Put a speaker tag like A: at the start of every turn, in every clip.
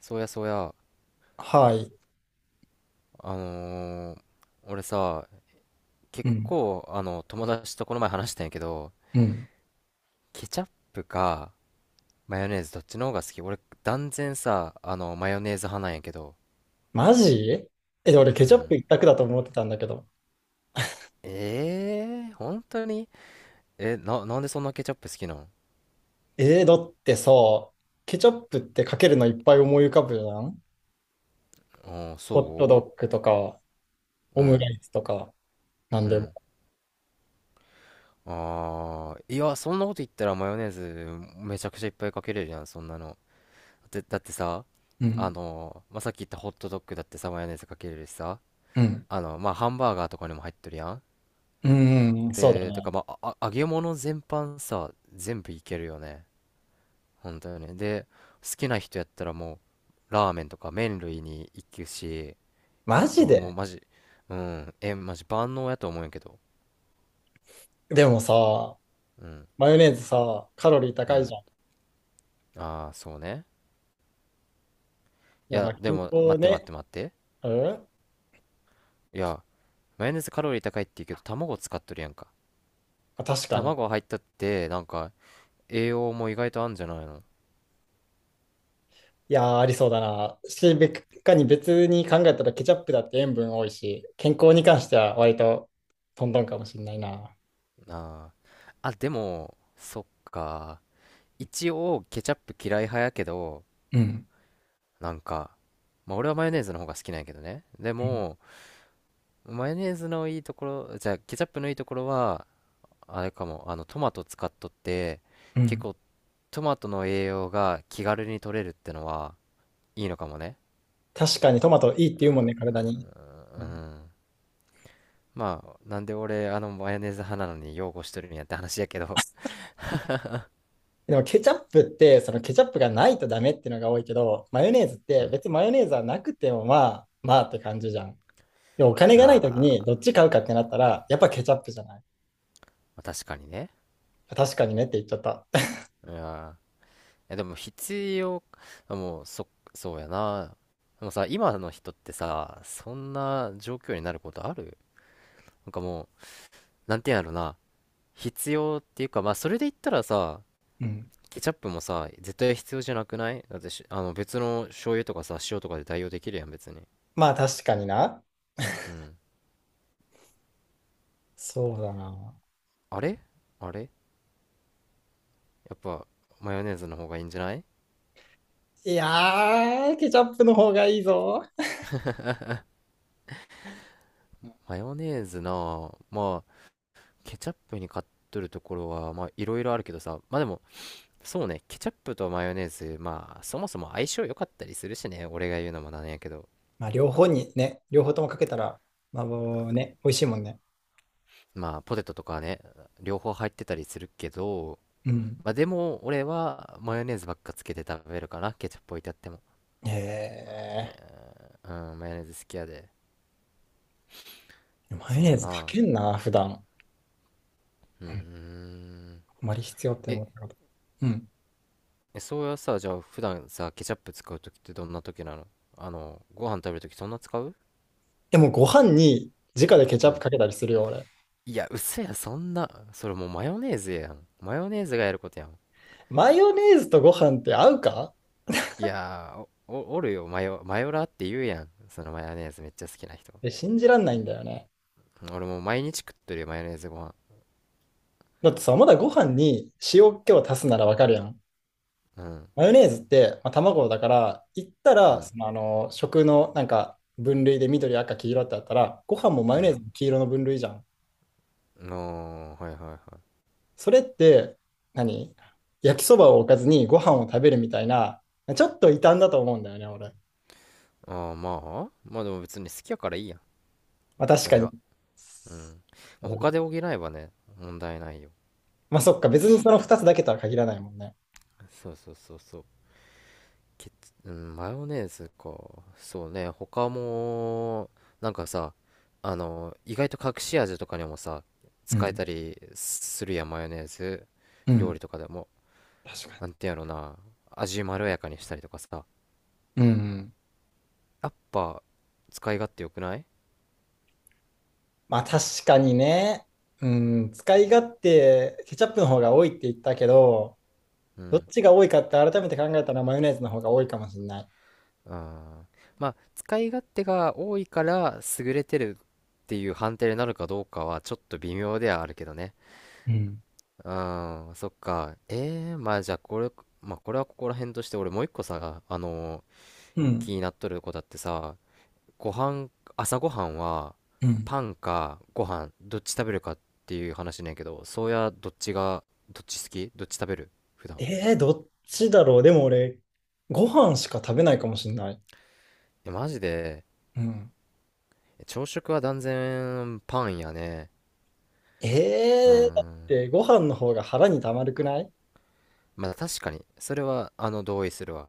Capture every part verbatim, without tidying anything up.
A: そうやそうや、
B: はい。
A: あのー俺さ、結
B: うん、
A: 構、あの、友達とこの前話したんやけど、
B: うん。
A: ケチャップかマヨネーズどっちの方が好き？俺、断然さ、あの、マヨネーズ派なんやけど、
B: マジえ、俺
A: う
B: ケチャップ
A: ん。
B: 一択だと思ってたんだけど。
A: えー、本当に？え、な、なんでそんなケチャップ好きなん？
B: えー、だってさ、ケチャップってかけるのいっぱい思い浮かぶじゃん。
A: あー、
B: ホットド
A: そ
B: ッグとか、
A: う。
B: オ
A: う
B: ムラ
A: ん、
B: イスとか、なん
A: う
B: でも。
A: ん。あー、いや、そんなこと言ったらマヨネーズめちゃくちゃいっぱいかけれるやん、そんなの。だって、だってさ、
B: う
A: あ
B: ん、
A: のまあ、さっき言ったホットドッグだってさ、マヨネーズかけれるしさ、
B: うん。
A: あの、まあ、ハンバーガーとかにも入ってるやん。
B: うん、うんそうだ
A: で、とか、
B: ね。
A: まあ、あ揚げ物全般さ、全部いけるよね。本当よね。で、好きな人やったらもう、ラーメンとか麺類に行くし、
B: マジ
A: 俺も
B: で。
A: マジ、うん、え、マジ万能やと思うんやけど。
B: でもさ、
A: うん、
B: マヨネーズさ、カロリー
A: う
B: 高い
A: ん。
B: じゃん。
A: ああ、そうね。い
B: やっ
A: や、
B: ぱ
A: で
B: 健
A: も、
B: 康
A: 待って待っ
B: ね。
A: て待って。
B: うんま
A: いや、マヨネーズカロリー高いって言うけど、卵使っとるやんか。
B: あ、確かに。
A: 卵入ったって、なんか、栄養も意外とあんじゃないの。
B: いやー、ありそうだな。し、べかに別に考えたらケチャップだって塩分多いし、健康に関しては割とトントンかもしれないな。
A: ああ。あ、でも、そっか。一応ケチャップ嫌い派やけど、
B: うん。
A: なんか、まあ俺はマヨネーズの方が好きなんやけどね。で
B: うん。
A: も、マヨネーズのいいところ、じゃあケチャップのいいところは、あれかも。あのトマト使っとって、
B: う
A: 結
B: ん、
A: 構トマトの栄養が気軽に取れるってのはいいのかもね。
B: 確かにトマトいいって言うもんね、体に。う
A: う
B: ん。
A: ん、まあなんで俺あのマヨネーズ派なのに擁護しとるんやって話やけど。
B: でもケチャップって、そのケチャップがないとダメっていうのが多いけど、マヨネーズっ
A: う
B: て
A: ん。
B: 別にマヨネーズはなくてもまあ、まあって感じじゃん。でお金
A: う
B: がない時に
A: わ
B: どっち買うかってなったら、やっぱケチャップじゃない？
A: ー、確かにね。
B: 確かにねって言っちゃった。
A: うん。え、でも必要、もう、そ、そうやな。でもさ、今の人ってさ、そんな状況になることある？なんかもう、なんていうんやろな。必要っていうか、まあ、それで言ったらさ、
B: うん、
A: ケチャップもさ、絶対必要じゃなくない？だってしあの、別の醤油とかさ、塩とかで代用できるやん、別に。
B: まあ確かにな。
A: う ん。
B: そうだな。
A: あれ、あれやっぱ、マヨネーズの方がいいんじゃない？
B: いやー、ケチャップの方がいいぞ。
A: マヨネーズな、あ、まあ、ケチャップに買っとるところは、まあ、いろいろあるけどさ、まあでも、そうね、ケチャップとマヨネーズ、まあ、そもそも相性良かったりするしね、俺が言うのもなんやけど、
B: まあ、両方にね、両方ともかけたら、まあ、もうね、美味しいもんね。
A: まあ、ポテトとかはね、両方入ってたりするけど、
B: うん。
A: まあ、でも、俺はマヨネーズばっかつけて食べるかな、ケチャップ置いてあっても。
B: え
A: え、うん、マヨネーズ好きやで。
B: ー、マヨ
A: そう
B: ネー
A: や
B: ズか
A: な。
B: けんな、普段。
A: うー
B: うん、
A: ん。
B: あまり必要って思
A: え、
B: ったこと。うん。
A: え、そうやさ、じゃあ、普段さ、ケチャップ使うときってどんなときなの？あの、ご飯食べるときそんな使う？
B: でも、ご飯に直でケチ
A: う
B: ャップ
A: ん。
B: かけたりするよ、俺。
A: いや、嘘や、そんな。それもうマヨネーズやん。マヨネーズがやることやん。
B: マヨネーズとご飯って合うかっ
A: いやー、お、おおるよ、マヨ、マヨラーって言うやん、そのマヨネーズめっちゃ好きな人。
B: て信じらんないんだよね。
A: うん、俺もう毎日食ってるよ、マヨネーズご飯。
B: だってさ、まだご飯に塩気を足すならわかるやん。
A: うん、
B: マヨネーズって、まあ、卵だから、言った
A: う
B: ら、そ
A: ん、
B: の、あの、食のなんか分類で緑、赤、黄色ってあったら、ご飯もマヨ
A: う
B: ネーズ
A: ん、
B: も黄色の分類じゃん。
A: のーはいはいはい。
B: それって、何、焼きそばを置かずにご飯を食べるみたいな、ちょっと異端だと思うんだよね、俺。
A: あー、まあまあでも別に好きやからいいやん。
B: まあ、確
A: そ
B: か
A: れ
B: に。
A: は。うん、ま
B: な
A: あ
B: るほ
A: 他で
B: ど。
A: 補えばね問題ないよ。
B: まあ、そっか、別にそのふたつだけとは限らないもんね。
A: そうそうそうそう。ケチ、うん、マヨネーズか、そうね他も、なんかさ、あの意外と隠し味とかにもさ
B: う
A: 使え
B: ん。
A: たりするやん、マヨネーズ。
B: う
A: 料
B: ん。
A: 理とかでも、
B: 確か
A: なんてやろな、味まろやかにしたりとかさ、
B: に。うん。
A: やっぱ使い勝手良くない？
B: まあ、確かにね。うん。使い勝手、ケチャップの方が多いって言ったけど、
A: う
B: どっ
A: ん。
B: ちが多いかって改めて考えたらマヨネーズの方が多いかもしれない。
A: あー、まあ、使い勝手が多いから優れてるっていう判定になるかどうかはちょっと微妙ではあるけどね。
B: うん。
A: うん、そっか。えー、まあじゃあこれ、まあこれはここら辺として。俺もういっこさ、あのー
B: う
A: 気
B: ん。
A: になっとる子だってさ、ご飯、朝ごはんは
B: うん。
A: パンかご飯どっち食べるかっていう話ねんけど。そうや、どっちが、どっち好き？どっち食べる普段？
B: えー、どっちだろう。でも俺、ご飯しか食べないかもしれない。
A: え、マジで？
B: うん。
A: 朝食は断然パンやね。う
B: えー、だっ
A: ん、
B: てご飯の方が腹にたまるくない？
A: まあ確かにそれはあの同意するわ。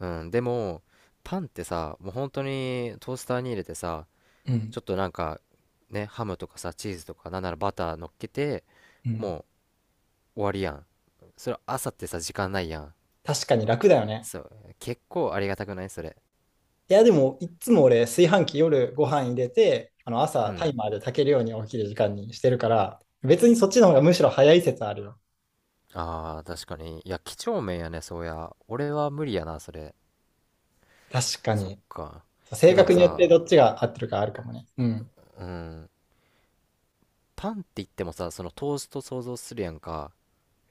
A: うんでも、パンってさ、もう本当にトースターに入れてさ、
B: うん。
A: ちょっとなんかね、ハムとかさチーズとかなんならバター乗っけて
B: うん。
A: もう終わりやん。それ朝ってさ時間ないやん。
B: 確かに楽だよね。
A: そう結構ありがたくないそれ？
B: いや、でも、いっつも俺、炊飯器夜ご飯入れて、あの
A: う
B: 朝タイ
A: ん、
B: マーで炊けるように起きる時間にしてるから、別にそっちの方がむしろ早い説あるよ。
A: あー確かに。いや几帳面やね、そうや、俺は無理やなそれ。
B: 確か
A: そっ
B: に。
A: か。え、
B: 性
A: でも
B: 格によって
A: さ、
B: どっちが合ってるかあるかもね。うん。
A: うん、パンって言ってもさ、そのトースト想像するやんか。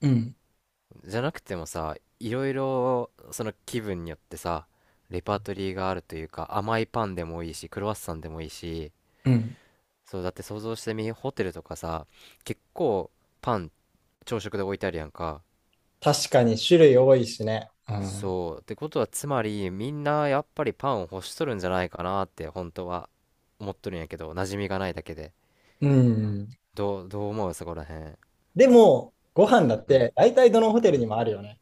B: うん。
A: じゃなくてもさ、いろいろその気分によってさ、レパートリーがあるというか、甘いパンでもいいしクロワッサンでもいいし。
B: うん、
A: そうだって想像してみ、ホテルとかさ、結構パン朝食で置いてあるやんか。
B: 確かに種類多いしね。うん。
A: そう。ってことは、つまり、みんなやっぱりパンを欲しとるんじゃないかなって、本当は思っとるんやけど、馴染みがないだけで。
B: うん。
A: どう、どう思うそこらへん？
B: でも、ご飯だっ
A: うん、
B: て大体どのホテル
A: う
B: に
A: ん。
B: もあるよね。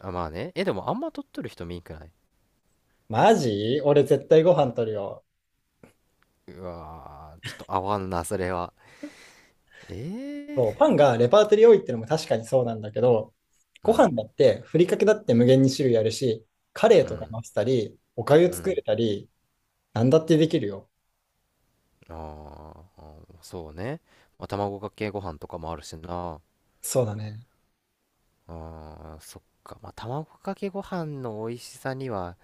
A: あ、まあね。え、でもあんま取っとる人見んくない？
B: マジ俺絶対ご
A: う
B: 飯
A: ん、
B: 取るよ。
A: うわー、ちょっと合わんな、それは。え
B: そう、
A: ー、
B: パンがレパートリー多いってのも確かにそうなんだけど、
A: う
B: ご飯
A: ん、
B: だってふりかけだって無限に種類あるし、カレ
A: う
B: ーとか
A: ん、
B: 乗せたり、おかゆ
A: う
B: 作
A: ん。
B: れたり、なんだってできるよ。
A: あー、あーそうね。まあ、卵かけご飯とかもあるしな。
B: そうだね。
A: あー、そっか。まあ、卵かけご飯の美味しさには、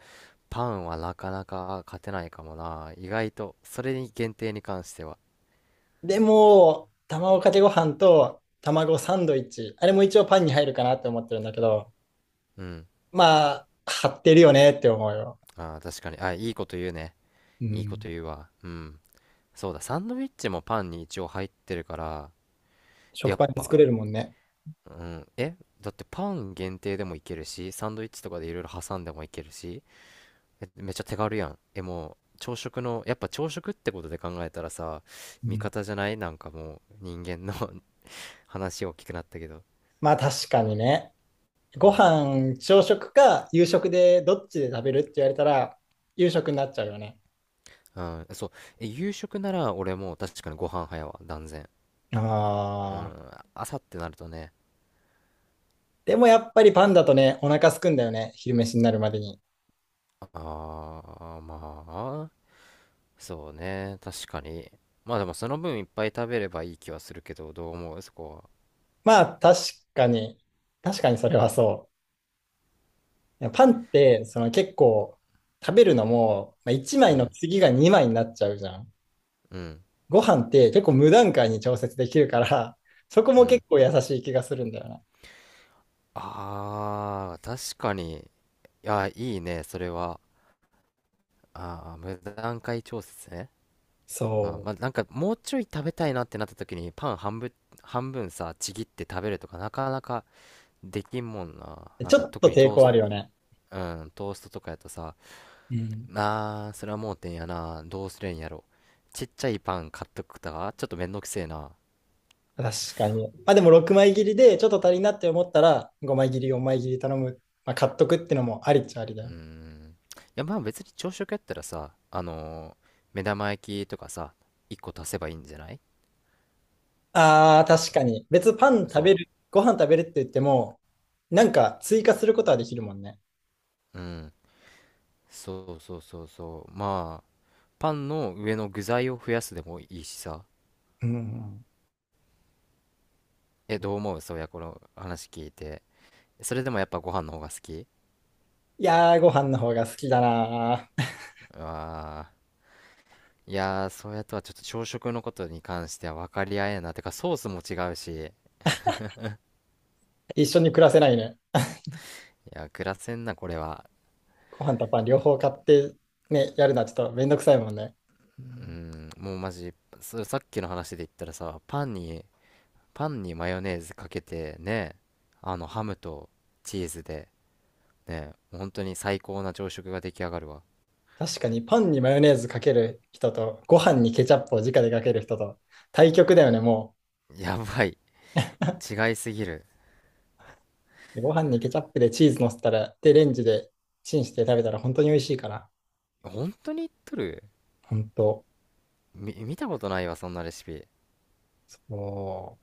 A: パンはなかなか勝てないかもな。意外と、それに限定に関しては。
B: でも、卵かけご飯と卵サンドイッチ、あれも一応パンに入るかなって思ってるんだけど、
A: うん。
B: まあ、張ってるよねって思うよ。
A: ああ、確かに。あ、いいこと言うね。
B: う
A: いいこ
B: ん。
A: と言うわ。うん。そうだ、サンドイッチもパンに一応入ってるから、や
B: 食
A: っ
B: パンで
A: ぱ、
B: 作れるもんね。
A: うん。え、だってパン限定でもいけるし、サンドイッチとかでいろいろ挟んでもいけるし、えめっちゃ手軽やん。え、もう、朝食の、やっぱ朝食ってことで考えたらさ、
B: う
A: 味
B: ん。
A: 方じゃない？なんかもう、人間の。 話大きくなったけど。
B: まあ確かにね。
A: う
B: ご
A: ん、
B: 飯、朝食か夕食でどっちで食べるって言われたら、夕食になっちゃうよね。
A: うん、そう。え、夕食なら俺もう確かにご飯早わ、断然。う
B: ああ。
A: ん、朝ってなるとね、
B: でもやっぱりパンだとね、お腹空くんだよね。昼飯になるまでに。
A: あー、まあ、そうね、確かに。まあでもその分いっぱい食べればいい気はするけど、どう思うそこは？
B: まあ確かに、確かにそれはそう。いやパンって、その結構、食べるのも、まあ、1
A: う
B: 枚の
A: ん、
B: 次がにまいになっちゃうじゃん。
A: うん、
B: ご飯って結構無段階に調節できるから、そこ
A: う
B: も
A: ん。
B: 結構優しい気がするんだよな。
A: あー、確かに。いや、いいね、それは。あー、無段階調節ね。あ、
B: そ
A: ま
B: う。
A: あ、なんかもうちょい食べたいなってなった時にパン半分、半分さちぎって食べるとかなかなかできんもんな。なん
B: ち
A: か
B: ょっ
A: 特
B: と
A: に
B: 抵
A: トー
B: 抗あ
A: ス、
B: るよね。
A: うん、トーストとかやとさ、
B: うん。
A: なあー、それは盲点やな。どうすりゃいいんやろ。ちっちゃいパン買っとくとか、ちょっとめんどくせえな。
B: 確かに。まあでもろくまい切りでちょっと足りんなって思ったらごまい切り、よんまい切り頼む。まあ買っとくってのもありっちゃありだ
A: うー
B: よ。
A: ん。いや、まあ別に朝食やったらさ、あのー目玉焼きとかさ、いっこ足せばいいんじゃない？
B: ああ、
A: ま
B: 確かに。
A: だ、
B: 別にパン食べ
A: そ
B: る、ご飯食べるって言っても、なんか追加することはできるもんね。
A: う。うん。そうそうそうそう。まあ、パンの上の具材を増やすでもいいしさ。
B: うん、うん。
A: え、どう思うそういや、この話聞いて。それでもやっぱご飯の方が好き？
B: いやー、ご飯の方が好きだなー。
A: ああー。いやー、そうやとはちょっと朝食のことに関しては分かり合えんな。てか、ソースも違うし、
B: 一緒に暮らせないね。
A: いや、暮らせんな、これは。
B: ご飯とパン両方買ってね、やるのはちょっとめんどくさいもんね。う
A: う
B: ん、
A: ん、もうマジ、そ、さっきの話で言ったらさ、パンに、パンにマヨネーズかけて、ね、あの、ハムとチーズで、ね、本当に最高な朝食が出来上がるわ。
B: 確かにパンにマヨネーズかける人と、ご飯にケチャップを直でかける人と、対極だよね、も
A: やばい、違いすぎる。
B: う。ご飯にケチャップでチーズ乗せたら、で、レンジでチンして食べたら本当に美味しいから。
A: 本当に言っとる？
B: 本当。
A: み、見たことないわ、そんなレシピ。
B: そう